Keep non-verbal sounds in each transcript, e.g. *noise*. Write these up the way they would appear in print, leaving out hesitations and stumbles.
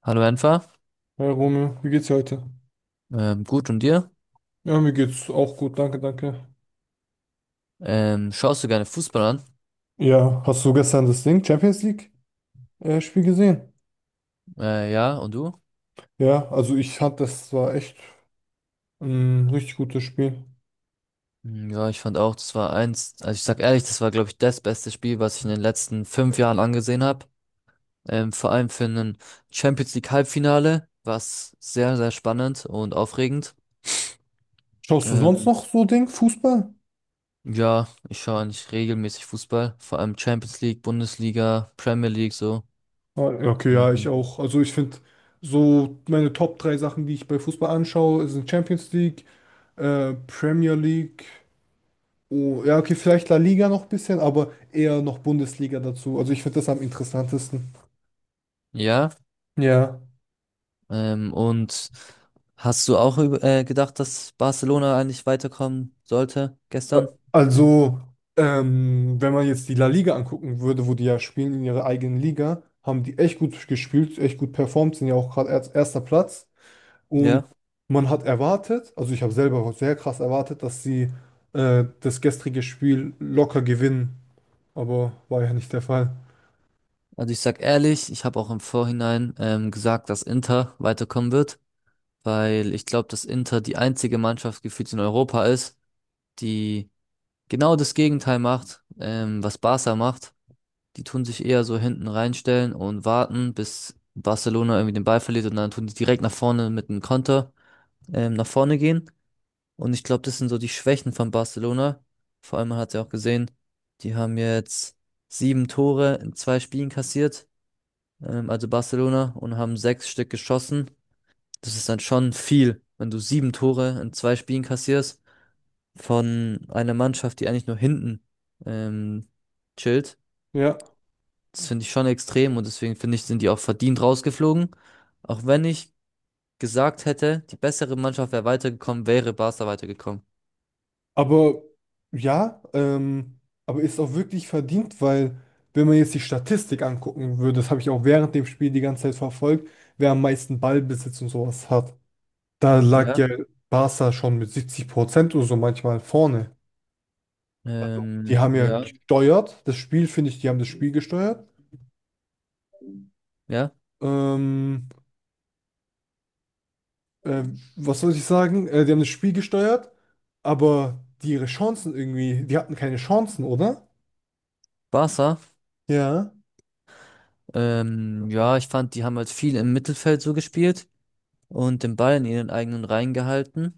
Hallo Enfer. Hey Romeo, wie geht's dir heute? Gut und dir? Ja, mir geht's auch gut, danke, danke. Schaust du gerne Fußball an? Ja, hast du gestern das Ding, Champions League Spiel gesehen? Ja, und du? Ja, also ich fand, das war echt ein richtig gutes Spiel. Hm, ja, ich fand auch, das war eins, also ich sag ehrlich, das war, glaube ich, das beste Spiel, was ich in den letzten 5 Jahren angesehen habe. Vor allem für ein Champions League Halbfinale war es sehr, sehr spannend und aufregend. Schaust du sonst Ähm, noch so Ding, Fußball? ja, ich schaue eigentlich regelmäßig Fußball, vor allem Champions League, Bundesliga, Premier League so. Ah, ja, okay, ja, ich Ähm, auch. Also ich finde so meine Top drei Sachen, die ich bei Fußball anschaue, sind Champions League, Premier League. Oh, ja, okay, vielleicht La Liga noch ein bisschen, aber eher noch Bundesliga dazu. Also ich finde das am interessantesten. ja. Ja. Und hast du auch gedacht, dass Barcelona eigentlich weiterkommen sollte Äh, gestern? Also, wenn man jetzt die La Liga angucken würde, wo die ja spielen in ihrer eigenen Liga, haben die echt gut gespielt, echt gut performt, sind ja auch gerade erst- erster Platz. Und Ja. man hat erwartet, also ich habe selber sehr krass erwartet, dass sie das gestrige Spiel locker gewinnen, aber war ja nicht der Fall. Also ich sag ehrlich, ich habe auch im Vorhinein gesagt, dass Inter weiterkommen wird, weil ich glaube, dass Inter die einzige Mannschaft gefühlt in Europa ist, die genau das Gegenteil macht, was Barca macht. Die tun sich eher so hinten reinstellen und warten, bis Barcelona irgendwie den Ball verliert, und dann tun die direkt nach vorne mit einem Konter nach vorne gehen. Und ich glaube, das sind so die Schwächen von Barcelona. Vor allem, man hat ja auch gesehen, die haben jetzt sieben Tore in zwei Spielen kassiert, also Barcelona, und haben sechs Stück geschossen. Das ist dann schon viel, wenn du sieben Tore in zwei Spielen kassierst von einer Mannschaft, die eigentlich nur hinten ähm, chillt. Ja. Das finde ich schon extrem und deswegen finde ich, sind die auch verdient rausgeflogen. Auch wenn ich gesagt hätte, die bessere Mannschaft wäre weitergekommen, wäre Barca weitergekommen. Aber ja, aber ist auch wirklich verdient, weil wenn man jetzt die Statistik angucken würde, das habe ich auch während dem Spiel die ganze Zeit verfolgt, wer am meisten Ballbesitz und sowas hat, da lag Ja. ja Barca schon mit 70% oder so manchmal vorne. Also die haben ja, ja, Ja. gesteuert, das Spiel, finde ich, die haben das Spiel gesteuert. Ja, Ähm, äh, Was soll ich sagen? Die haben das Spiel gesteuert, aber die ihre Chancen irgendwie, die hatten keine Chancen, oder? Barca. Ja. Ja, ich fand, die haben halt viel im Mittelfeld so gespielt und den Ball in ihren eigenen Reihen gehalten.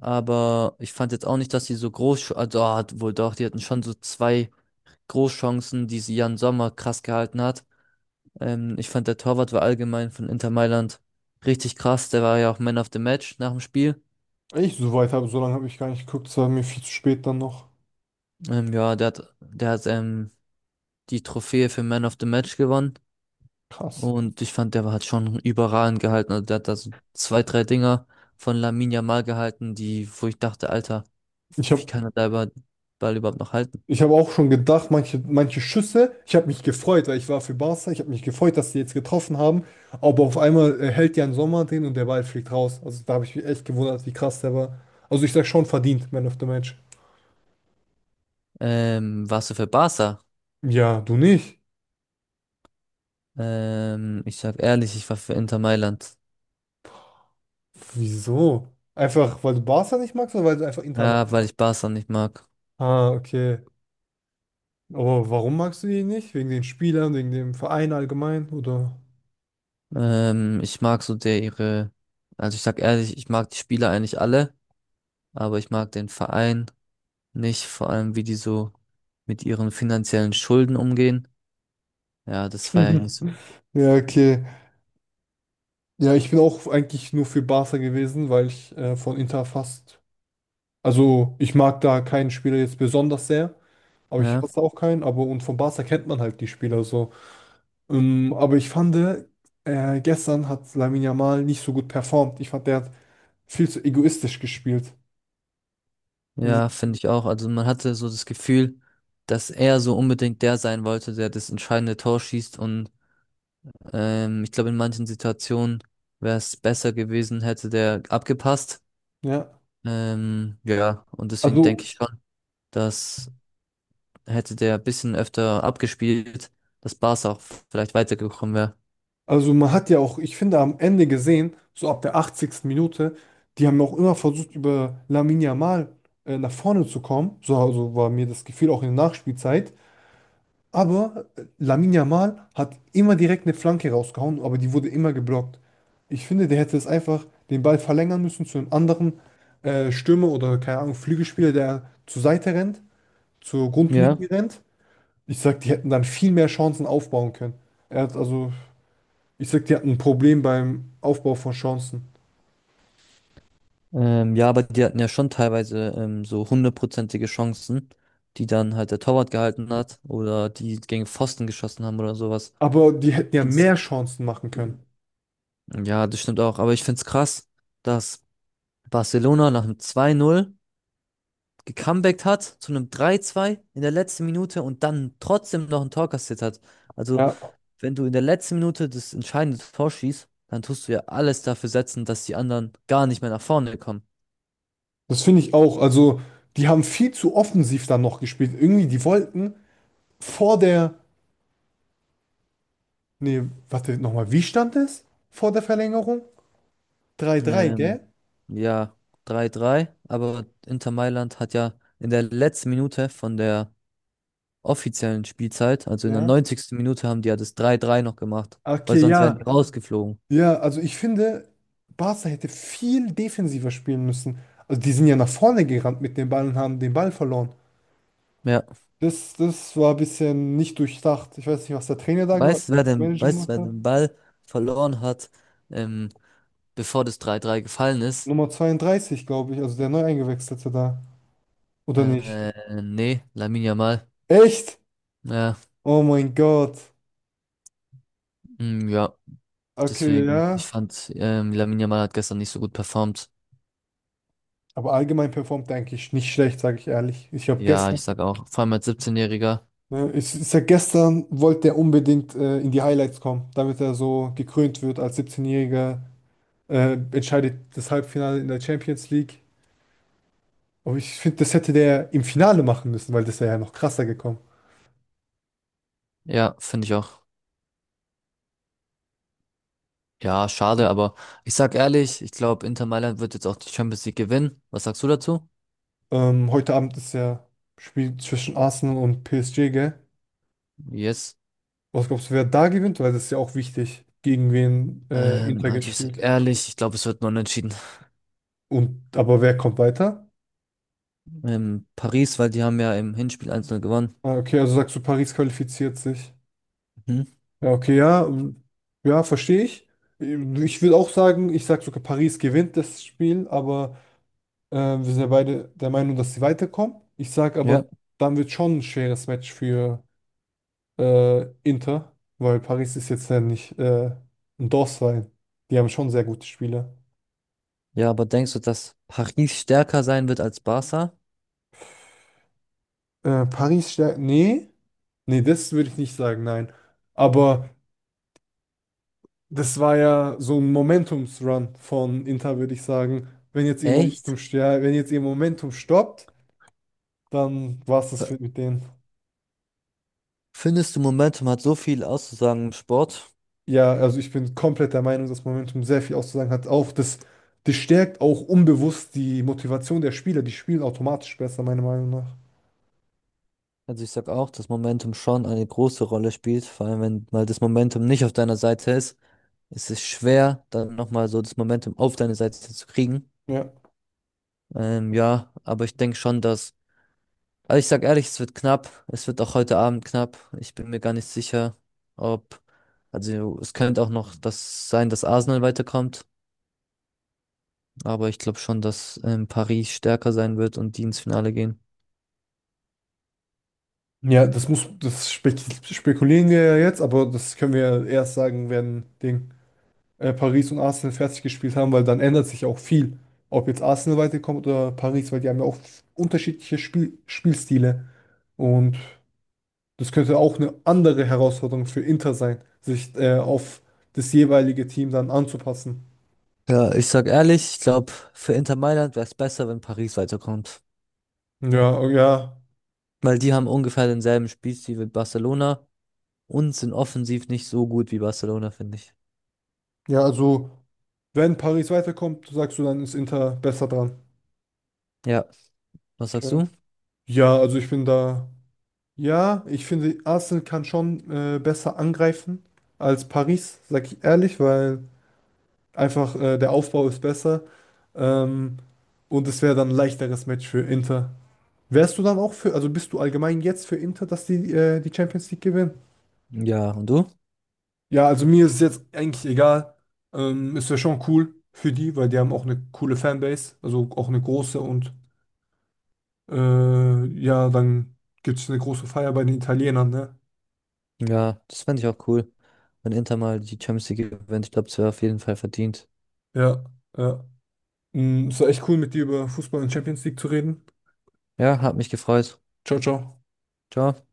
Aber ich fand jetzt auch nicht, dass sie so groß, also hat wohl doch, die hatten schon so zwei Großchancen, die sie Jan Sommer krass gehalten hat. Ich fand, der Torwart war allgemein von Inter Mailand richtig krass. Der war ja auch Man of the Match nach dem Spiel. Ich, so lange habe ich gar nicht geguckt, es war mir viel zu spät dann noch. Ja, der hat die Trophäe für Man of the Match gewonnen. Krass. Und ich fand, hat schon überragend gehalten. Also der hat da so zwei, drei Dinger von Lamine Yamal gehalten, die, wo ich dachte, Alter, Ich wie habe kann er da Ball überhaupt noch halten? ich hab auch schon gedacht, manche Schüsse, ich habe mich gefreut, weil ich war für Barca, ich habe mich gefreut, dass die jetzt getroffen haben, aber auf einmal hält Jan Sommer den und der Ball fliegt raus. Also da habe ich mich echt gewundert, wie krass der war. Also ich sag schon verdient, Man of the Match. Warst du für Barca? Ja, du nicht. Ich sag ehrlich, ich war für Inter Mailand. Wieso? Einfach, weil du Barca nicht magst oder weil du einfach Inter magst? Ja, weil ich Barca nicht mag. Ah, okay. Aber warum magst du die nicht? Wegen den Spielern, wegen dem Verein allgemein, oder? Ich mag so der ihre, also ich sag ehrlich, ich mag die Spieler eigentlich alle, aber ich mag den Verein nicht, vor allem wie die so mit ihren finanziellen Schulden umgehen. Ja, das feiere ich nicht so. *laughs* Ja, okay. Ja, ich bin auch eigentlich nur für Barca gewesen, weil ich von Inter fast. Also, ich mag da keinen Spieler jetzt besonders sehr, aber ich Ja. hasse auch keinen. Aber und von Barca kennt man halt die Spieler so. Aber ich fand, gestern hat Lamine Yamal nicht so gut performt. Ich fand, der hat viel zu egoistisch gespielt. Hm, Ja, finde ich auch. Also man hatte so das Gefühl, dass er so unbedingt der sein wollte, der das entscheidende Tor schießt. Und ich glaube, in manchen Situationen wäre es besser gewesen, hätte der abgepasst. ja, Ja, und deswegen also denke ich schon, dass hätte der ein bisschen öfter abgespielt, dass Barca auch vielleicht weitergekommen wäre. Also man hat ja auch, ich finde, am Ende gesehen, so ab der 80. Minute, die haben auch immer versucht, über Lamine Yamal nach vorne zu kommen. So also war mir das Gefühl auch in der Nachspielzeit. Aber Lamine Yamal hat immer direkt eine Flanke rausgehauen, aber die wurde immer geblockt. Ich finde, der hätte es einfach den Ball verlängern müssen zu einem anderen Stürmer oder, keine Ahnung, Flügelspieler, der zur Seite rennt, zur Ja. Grundlinie rennt. Ich sag, die hätten dann viel mehr Chancen aufbauen können. Er hat, also ich sag, die hatten ein Problem beim Aufbau von Chancen. Ja, aber die hatten ja schon teilweise so hundertprozentige Chancen, die dann halt der Torwart gehalten hat oder die gegen Pfosten geschossen haben oder sowas. Aber die hätten Ich ja find's mehr Chancen machen können. Ja, das stimmt auch. Aber ich find's krass, dass Barcelona nach einem 2-0 gecomebackt hat zu einem 3-2 in der letzten Minute und dann trotzdem noch ein Tor kassiert hat. Also, Ja, wenn du in der letzten Minute das entscheidende Tor schießt, dann tust du ja alles dafür setzen, dass die anderen gar nicht mehr nach vorne kommen. das finde ich auch. Also, die haben viel zu offensiv dann noch gespielt. Irgendwie, die wollten vor der. Nee, warte, nochmal. Wie stand es vor der Verlängerung? 3-3, Ähm, gell? ja, 3-3. Aber Inter Mailand hat ja in der letzten Minute von der offiziellen Spielzeit, also in der Ja. 90. Minute, haben die ja das 3-3 noch gemacht, weil Okay, sonst wären die ja. rausgeflogen. Ja, also ich finde, Barca hätte viel defensiver spielen müssen. Also, die sind ja nach vorne gerannt mit dem Ball und haben den Ball verloren. Ja. Das, das war ein bisschen nicht durchdacht. Ich weiß nicht, was der Trainer da gemacht, Weißt du, der wer den, Manager weißt, du, gemacht wer hat. den Ball verloren hat, ähm, bevor das 3-3 gefallen ist? Nummer 32, glaube ich, also der neu eingewechselte da. Oder nicht? Nee, Lamine Yamal. Echt? Ja, Oh mein Gott. mm, ja, Okay, deswegen, ja. ich fand, Lamine Yamal hat gestern nicht so gut performt. Aber allgemein performt er eigentlich nicht schlecht, sage ich ehrlich. Ich habe Ja, ich gestern, sag auch, vor allem als 17-Jähriger. ne, ich sag, gestern wollte er unbedingt in die Highlights kommen, damit er so gekrönt wird als 17-Jähriger, entscheidet das Halbfinale in der Champions League. Aber ich finde, das hätte der im Finale machen müssen, weil das wäre ja noch krasser gekommen. Ja, finde ich auch. Ja, schade, aber ich sag ehrlich, ich glaube, Inter Mailand wird jetzt auch die Champions League gewinnen. Was sagst du dazu? Heute Abend ist ja Spiel zwischen Arsenal und PSG, gell? Yes. Was glaubst du, wer da gewinnt? Weil das ist ja auch wichtig, gegen wen Inter Also ich sag gespielt. ehrlich, ich glaube, es wird nur unentschieden. Und aber wer kommt weiter? Paris, weil die haben ja im Hinspiel 1-0 gewonnen. Ah, okay, also sagst du, Paris qualifiziert sich. Mhm. Ja, okay, ja, ja, verstehe ich. Ich würde auch sagen, ich sage sogar, Paris gewinnt das Spiel, aber wir sind ja beide der Meinung, dass sie weiterkommen. Ich sage aber, Ja, dann wird schon ein schweres Match für Inter, weil Paris ist jetzt ja nicht ein Dorfverein. Die haben schon sehr gute Spieler. ja, aber denkst du, dass Paris stärker sein wird als Barca? Paris stärkt. Nee, nee, das würde ich nicht sagen, nein. Aber das war ja so ein Momentumsrun von Inter, würde ich sagen. Wenn jetzt ihr Momentum, Echt? stär- wenn jetzt ihr Momentum stoppt, dann war es das für- mit denen. Findest du, Momentum hat so viel auszusagen im Sport? Ja, also ich bin komplett der Meinung, dass Momentum sehr viel auszusagen hat. Auch das, das stärkt auch unbewusst die Motivation der Spieler. Die spielen automatisch besser, meiner Meinung nach. Also ich sag auch, dass Momentum schon eine große Rolle spielt, vor allem wenn mal das Momentum nicht auf deiner Seite ist, ist es ist schwer, dann nochmal so das Momentum auf deine Seite zu kriegen. Ja. Ja, aber ich denke schon, dass, also ich sag ehrlich, es wird knapp, es wird auch heute Abend knapp. Ich bin mir gar nicht sicher, ob, also es könnte auch noch das sein, dass Arsenal weiterkommt. Aber ich glaube schon, dass Paris stärker sein wird und die ins Finale gehen. Ja, das spekulieren wir ja jetzt, aber das können wir ja erst sagen, wenn Ding, Paris und Arsenal fertig gespielt haben, weil dann ändert sich auch viel. Ob jetzt Arsenal weiterkommt oder Paris, weil die haben ja auch unterschiedliche Spielstile. Und das könnte auch eine andere Herausforderung für Inter sein, sich auf das jeweilige Team dann anzupassen. Ja, ich sag ehrlich, ich glaube, für Inter Mailand wäre es besser, wenn Paris weiterkommt. Ja, oh ja, Weil die haben ungefähr denselben Spielstil wie Barcelona und sind offensiv nicht so gut wie Barcelona, finde ich. ja, also wenn Paris weiterkommt, sagst du, dann ist Inter besser dran. Ja, was sagst Okay. du? Ja, also ich bin da. Ja, ich finde, Arsenal kann schon besser angreifen als Paris, sag ich ehrlich, weil einfach der Aufbau ist besser. Ähm, und es wäre dann ein leichteres Match für Inter. Wärst du dann auch für, also bist du allgemein jetzt für Inter, dass die die Champions League gewinnen? Ja, und du? Ja, also mir ist es jetzt eigentlich egal. Es wäre schon cool für die, weil die haben auch eine coole Fanbase, also auch eine große und ja, dann gibt es eine große Feier bei den Italienern, ne? Ja, das fände ich auch cool, wenn Inter mal die Champions League gewinnt. Ich glaube, es wäre auf jeden Fall verdient. Ja, ja. Mm, es war echt cool, mit dir über Fußball und Champions League zu reden. Ja, hat mich gefreut. Ciao, ciao. Ciao.